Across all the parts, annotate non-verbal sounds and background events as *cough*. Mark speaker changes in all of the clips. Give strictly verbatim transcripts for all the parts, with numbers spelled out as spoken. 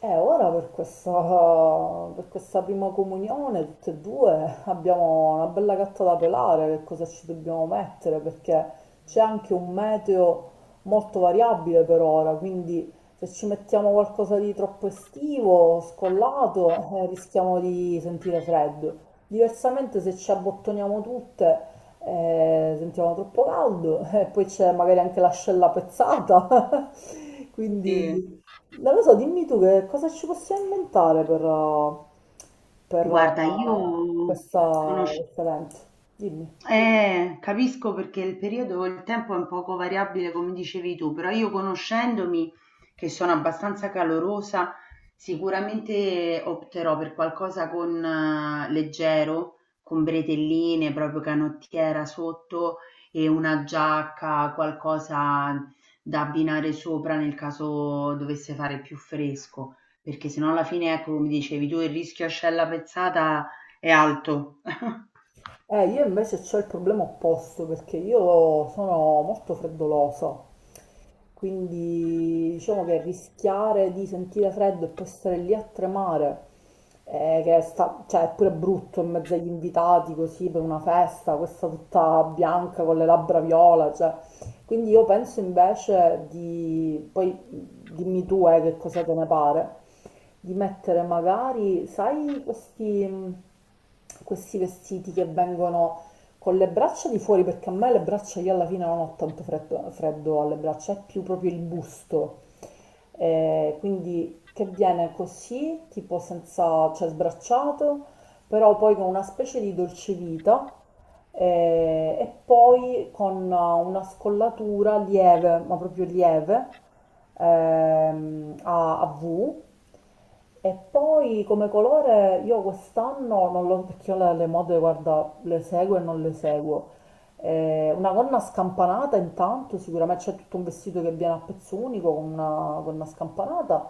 Speaker 1: E ora per questa, per questa prima comunione, tutte e due, abbiamo una bella gatta da pelare. Che cosa ci dobbiamo mettere, perché c'è anche un meteo molto variabile per ora, quindi se ci mettiamo qualcosa di troppo estivo, scollato, eh, rischiamo di sentire freddo. Diversamente se ci abbottoniamo tutte, eh, sentiamo troppo caldo, *laughs* e poi c'è magari anche l'ascella pezzata, *laughs*
Speaker 2: Sì.
Speaker 1: quindi... Non lo so, dimmi tu che cosa ci possiamo inventare per, uh, per,
Speaker 2: Guarda, io
Speaker 1: uh, questa-
Speaker 2: conosci
Speaker 1: questo evento. Dimmi.
Speaker 2: eh, capisco perché il periodo, il tempo è un poco variabile, come dicevi tu, però io conoscendomi, che sono abbastanza calorosa, sicuramente opterò per qualcosa con eh, leggero, con bretelline, proprio canottiera sotto e una giacca, qualcosa da abbinare sopra nel caso dovesse fare più fresco, perché sennò alla fine, ecco, come dicevi tu, il rischio ascella pezzata è alto. *laughs*
Speaker 1: Eh, io invece ho il problema opposto perché io sono molto freddolosa. Quindi diciamo che rischiare di sentire freddo e poi stare lì a tremare, eh, che sta, cioè, è pure brutto in mezzo agli invitati, così per una festa, questa tutta bianca con le labbra viola, cioè. Quindi io penso invece di, poi dimmi tu eh, che cosa te ne pare, di mettere magari, sai, questi, mh, questi vestiti che vengono con le braccia di fuori, perché a me le braccia, io alla fine non ho tanto freddo, freddo alle braccia, è più proprio il busto. Eh, quindi che viene così, tipo senza, cioè sbracciato, però poi con una specie di dolcevita eh, e poi con una scollatura lieve, ma proprio lieve, ehm, a, a V. E poi come colore io quest'anno, non lo, perché io le, le mode, guarda, le seguo e non le seguo, eh, una gonna scampanata intanto, sicuramente c'è tutto un vestito che viene a pezzo unico con una gonna scampanata,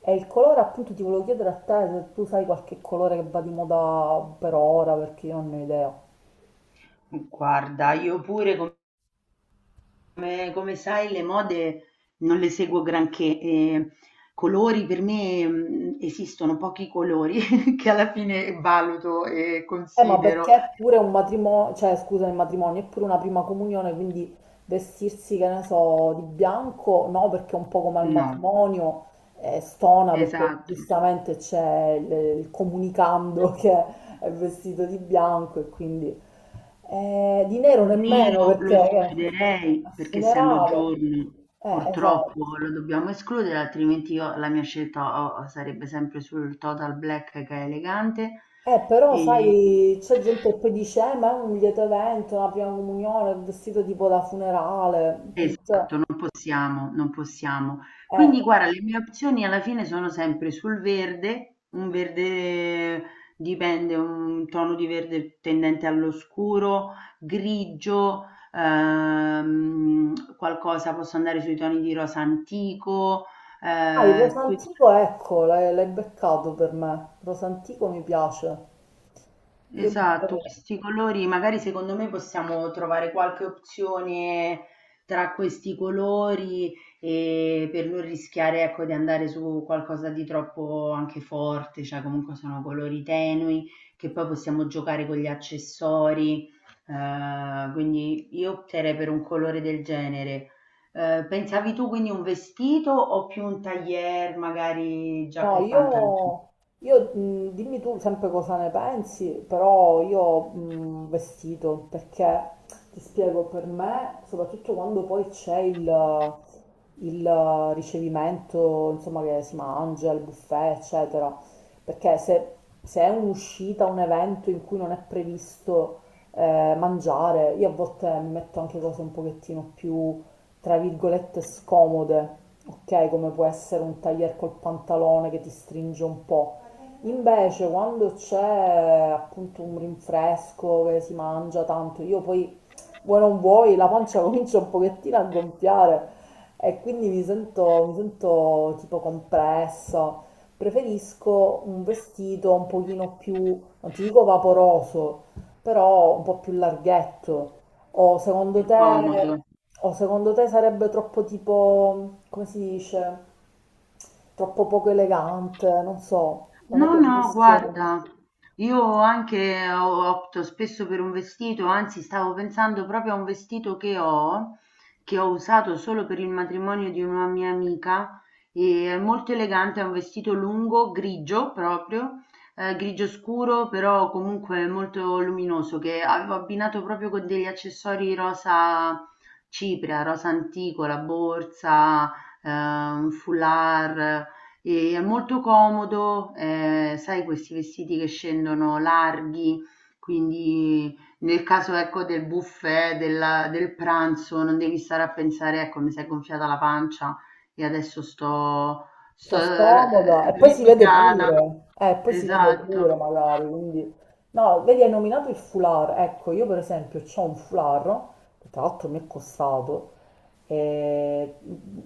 Speaker 1: e il colore appunto ti volevo chiedere a te se tu sai qualche colore che va di moda per ora, perché io non ne ho idea.
Speaker 2: Guarda, io pure. Come come sai le mode non le seguo granché, ehm, colori per me, mhmm, esistono pochi colori *laughs* che alla fine valuto e
Speaker 1: Eh, ma
Speaker 2: considero.
Speaker 1: perché è pure un matrimonio, cioè scusa, il matrimonio è pure una prima comunione, quindi vestirsi, che ne so, di bianco, no, perché è un po' come al
Speaker 2: No,
Speaker 1: matrimonio, eh, stona, perché
Speaker 2: esatto.
Speaker 1: giustamente c'è il, il comunicando *laughs* che è vestito di bianco, e quindi eh, di nero nemmeno,
Speaker 2: Nero lo
Speaker 1: perché è
Speaker 2: escluderei
Speaker 1: un
Speaker 2: perché essendo
Speaker 1: funerale.
Speaker 2: giorno
Speaker 1: Eh, esatto.
Speaker 2: purtroppo lo dobbiamo escludere, altrimenti io la mia scelta o o sarebbe sempre sul total black che è elegante.
Speaker 1: Eh, però
Speaker 2: e
Speaker 1: sai, c'è gente che poi dice, eh, ma è un lieto evento, la prima comunione, il vestito tipo da funerale. Cioè,
Speaker 2: Esatto, non possiamo, non possiamo.
Speaker 1: eh.
Speaker 2: Quindi guarda, le mie opzioni alla fine sono sempre sul verde, un verde dipende, un tono di verde tendente all'oscuro, grigio, ehm, qualcosa, posso andare sui toni di rosa antico.
Speaker 1: Ah, il
Speaker 2: eh, que-
Speaker 1: rosantico, ecco, l'hai l'hai beccato per me. Il rosantico mi piace. Io
Speaker 2: Esatto,
Speaker 1: mi...
Speaker 2: questi colori, magari secondo me possiamo trovare qualche opzione tra questi colori e per non rischiare, ecco, di andare su qualcosa di troppo anche forte, cioè comunque sono colori tenui che poi possiamo giocare con gli accessori, eh, quindi io opterei per un colore del genere. Eh, pensavi tu quindi un vestito o più un tailleur, magari
Speaker 1: No,
Speaker 2: giacca e pantaloni,
Speaker 1: io, io, mh, dimmi tu sempre cosa ne pensi, però io mh, vestito perché ti spiego, per me, soprattutto quando poi c'è il, il ricevimento, insomma, che si mangia, il buffet, eccetera, perché se, se è un'uscita, un evento in cui non è previsto eh, mangiare, io a volte mi metto anche cose un pochettino più, tra virgolette, scomode, ok? Come può essere un taglier col pantalone che ti stringe un po'. Invece quando c'è appunto un rinfresco che si mangia tanto, io poi vuoi non vuoi la pancia *laughs* comincia un pochettino a gonfiare, e quindi mi sento, mi sento tipo compressa. Preferisco un vestito un pochino più, non ti dico vaporoso, però un po' più larghetto. O secondo
Speaker 2: più
Speaker 1: te...
Speaker 2: comodo?
Speaker 1: O secondo te sarebbe troppo tipo, come si dice, troppo poco elegante, non so, non è
Speaker 2: No,
Speaker 1: che
Speaker 2: no,
Speaker 1: funziona.
Speaker 2: guarda, io anche o- opto spesso per un vestito, anzi stavo pensando proprio a un vestito che ho, che ho usato solo per il matrimonio di una mia amica, e è molto elegante, è un vestito lungo, grigio proprio, eh, grigio scuro, però comunque molto luminoso, che avevo abbinato proprio con degli accessori rosa cipria, rosa antico, la borsa, eh, un foulard. E è molto comodo, ehm, sai questi vestiti che scendono larghi, quindi nel caso, ecco, del buffet, della del pranzo, non devi stare a pensare: "Ecco, mi s'è gonfiata la pancia e adesso sto sto
Speaker 1: Sto
Speaker 2: r
Speaker 1: scomoda e poi si vede
Speaker 2: risicata".
Speaker 1: pure, eh, poi si vede pure
Speaker 2: Esatto.
Speaker 1: magari, quindi... No, vedi, hai nominato il foulard, ecco, io per esempio ho un foulard, che tra l'altro mi è costato, eh,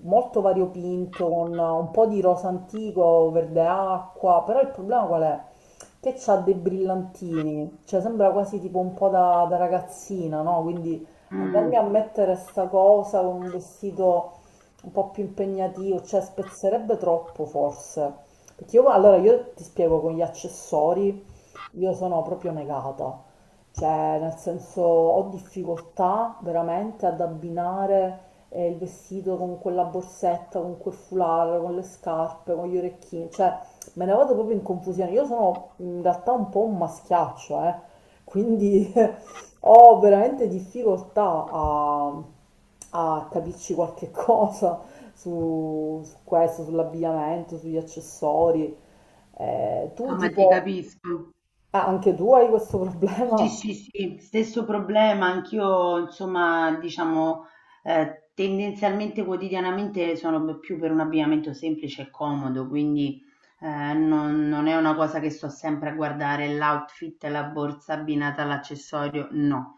Speaker 1: molto variopinto, con un po' di rosa antico, verde acqua, però il problema qual è? Che c'ha dei brillantini, cioè sembra quasi tipo un po' da, da ragazzina, no? Quindi
Speaker 2: Mh.
Speaker 1: andarmi a mettere sta cosa con un vestito un po' più impegnativo, cioè spezzerebbe troppo forse. Perché io, allora io ti spiego, con gli accessori, io sono proprio negata, cioè nel senso ho difficoltà veramente ad abbinare eh, il vestito con quella borsetta, con quel foulard, con le scarpe, con gli orecchini, cioè me ne vado proprio in confusione. Io sono in realtà un po' un maschiaccio, eh, quindi *laughs* ho veramente difficoltà a, a capirci qualche *laughs* cosa su, su questo, sull'abbigliamento, sugli accessori. Eh, tu
Speaker 2: No, ma ti
Speaker 1: tipo...
Speaker 2: capisco.
Speaker 1: Ah, anche tu hai questo *laughs*
Speaker 2: Sì,
Speaker 1: problema?
Speaker 2: sì, sì, stesso problema, anch'io insomma diciamo eh, tendenzialmente quotidianamente sono più per un abbigliamento semplice e comodo, quindi eh, non, non è una cosa che sto sempre a guardare l'outfit, la borsa abbinata all'accessorio, no,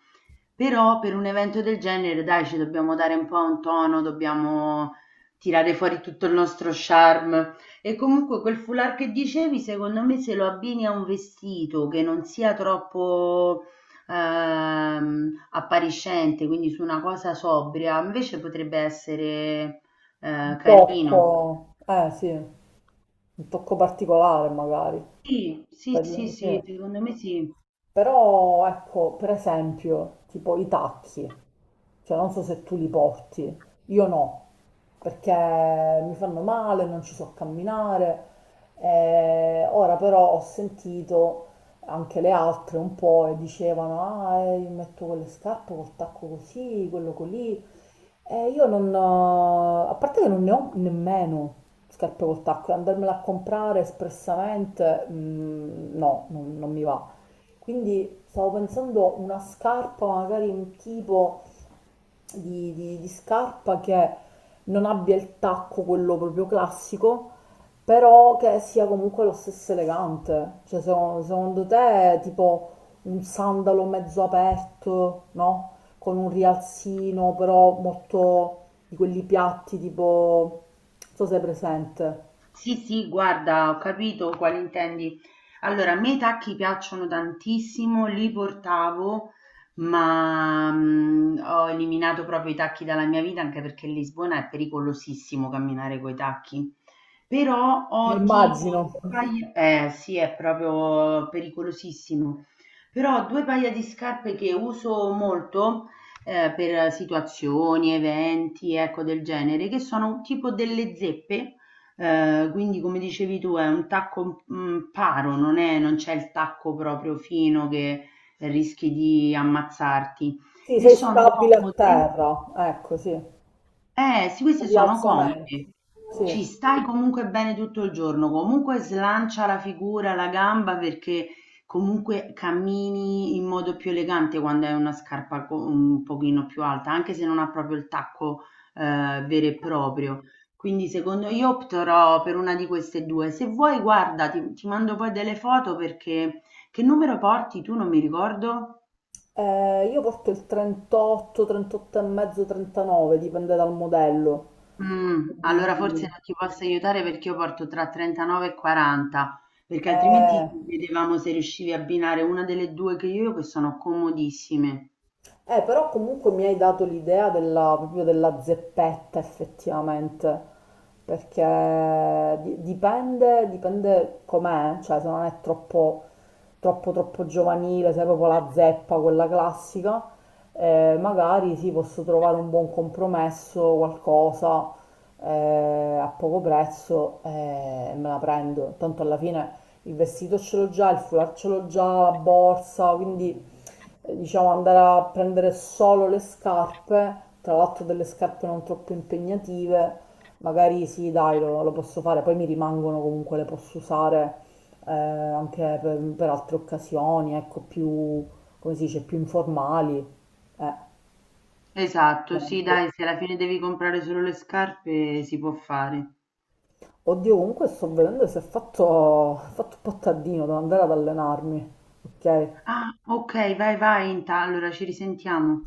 Speaker 2: però per un evento del genere, dai, ci dobbiamo dare un po' un tono, dobbiamo tirare fuori tutto il nostro charme. E comunque quel foulard che dicevi, secondo me, se lo abbini a un vestito che non sia troppo ehm, appariscente, quindi su una cosa sobria, invece potrebbe essere eh,
Speaker 1: Un
Speaker 2: carino.
Speaker 1: tocco, eh sì, un tocco particolare magari.
Speaker 2: Sì, sì, sì,
Speaker 1: Per- sì.
Speaker 2: sì, secondo me sì.
Speaker 1: Però ecco, per esempio, tipo i tacchi, cioè non so se tu li porti, io no, perché mi fanno male, non ci so camminare. Eh, ora però ho sentito anche le altre un po' e dicevano, ah, eh, io metto quelle scarpe col tacco così, quello così. Eh, io non ho, a parte che non ne ho nemmeno scarpe col tacco, e andarmela a comprare espressamente, mm, no, non, non mi va. Quindi stavo pensando una scarpa magari un tipo di, di- di scarpa che non abbia il tacco, quello proprio classico, però che sia comunque lo stesso elegante. Cioè, se- secondo te, tipo un sandalo mezzo aperto, no? Con un rialzino, però molto di quelli piatti, tipo, non so se è presente.
Speaker 2: Sì, sì, guarda, ho capito quale intendi. Allora, a me i tacchi piacciono tantissimo, li portavo, ma mm, ho eliminato proprio i tacchi dalla mia vita anche perché Lisbona è pericolosissimo camminare coi tacchi. Però
Speaker 1: Eh,
Speaker 2: ho tipo,
Speaker 1: Immagino.
Speaker 2: due paia- eh sì, è proprio pericolosissimo. Però ho due paia di scarpe che uso molto eh, per situazioni, eventi, ecco del genere, che sono tipo delle zeppe. Ehm, quindi come dicevi tu è un tacco, mhmm, paro, non è non c'è il tacco proprio fino che rischi di ammazzarti
Speaker 1: Sì,
Speaker 2: e
Speaker 1: sei
Speaker 2: sono
Speaker 1: stabile a
Speaker 2: comode.
Speaker 1: terra, ecco, sì. Un
Speaker 2: Eh, sì, questi sono
Speaker 1: rialzamento.
Speaker 2: comodi.
Speaker 1: Sì.
Speaker 2: Ci stai comunque bene tutto il giorno, comunque slancia la figura, la gamba perché comunque cammini in modo più elegante quando hai una scarpa co- un pochino più alta, anche se non ha proprio il tacco eh, vero e proprio. Quindi secondo io opterò per una di queste due. Se vuoi, guarda, ti, ti mando poi delle foto perché che numero porti tu? Non mi ricordo.
Speaker 1: Eh, io porto il trentotto, trentotto e mezzo, trentanove, dipende dal modello.
Speaker 2: Mh, allora forse
Speaker 1: Quindi,
Speaker 2: non ti posso aiutare perché io porto tra trentanove e quaranta, perché
Speaker 1: eh,
Speaker 2: altrimenti vedevamo se riuscivi a abbinare una delle due che io ho, che sono comodissime.
Speaker 1: eh, però comunque mi hai dato l'idea della, proprio della zeppetta, effettivamente, perché di- dipende, dipende com'è, cioè se non è troppo, troppo, troppo, giovanile, se è proprio la zeppa, quella classica, eh, magari sì, posso trovare un buon compromesso, qualcosa eh, a poco prezzo eh, e me la prendo. Tanto alla fine il vestito ce l'ho già, il foulard ce l'ho già, la borsa, quindi eh, diciamo, andare a prendere solo le scarpe, tra l'altro delle scarpe non troppo impegnative, magari sì, dai, lo, lo posso fare, poi mi rimangono comunque, le posso usare eh, anche per, per altre occasioni, ecco, più, come si dice, più informali, eh, per
Speaker 2: Esatto, sì,
Speaker 1: esempio.
Speaker 2: dai, se alla fine devi comprare solo le scarpe si può fare.
Speaker 1: Oddio, comunque sto vedendo se ho fatto, ho fatto un po' tardino, devo andare ad allenarmi, ok?
Speaker 2: Ah, ok, vai, vai, inta- allora ci risentiamo.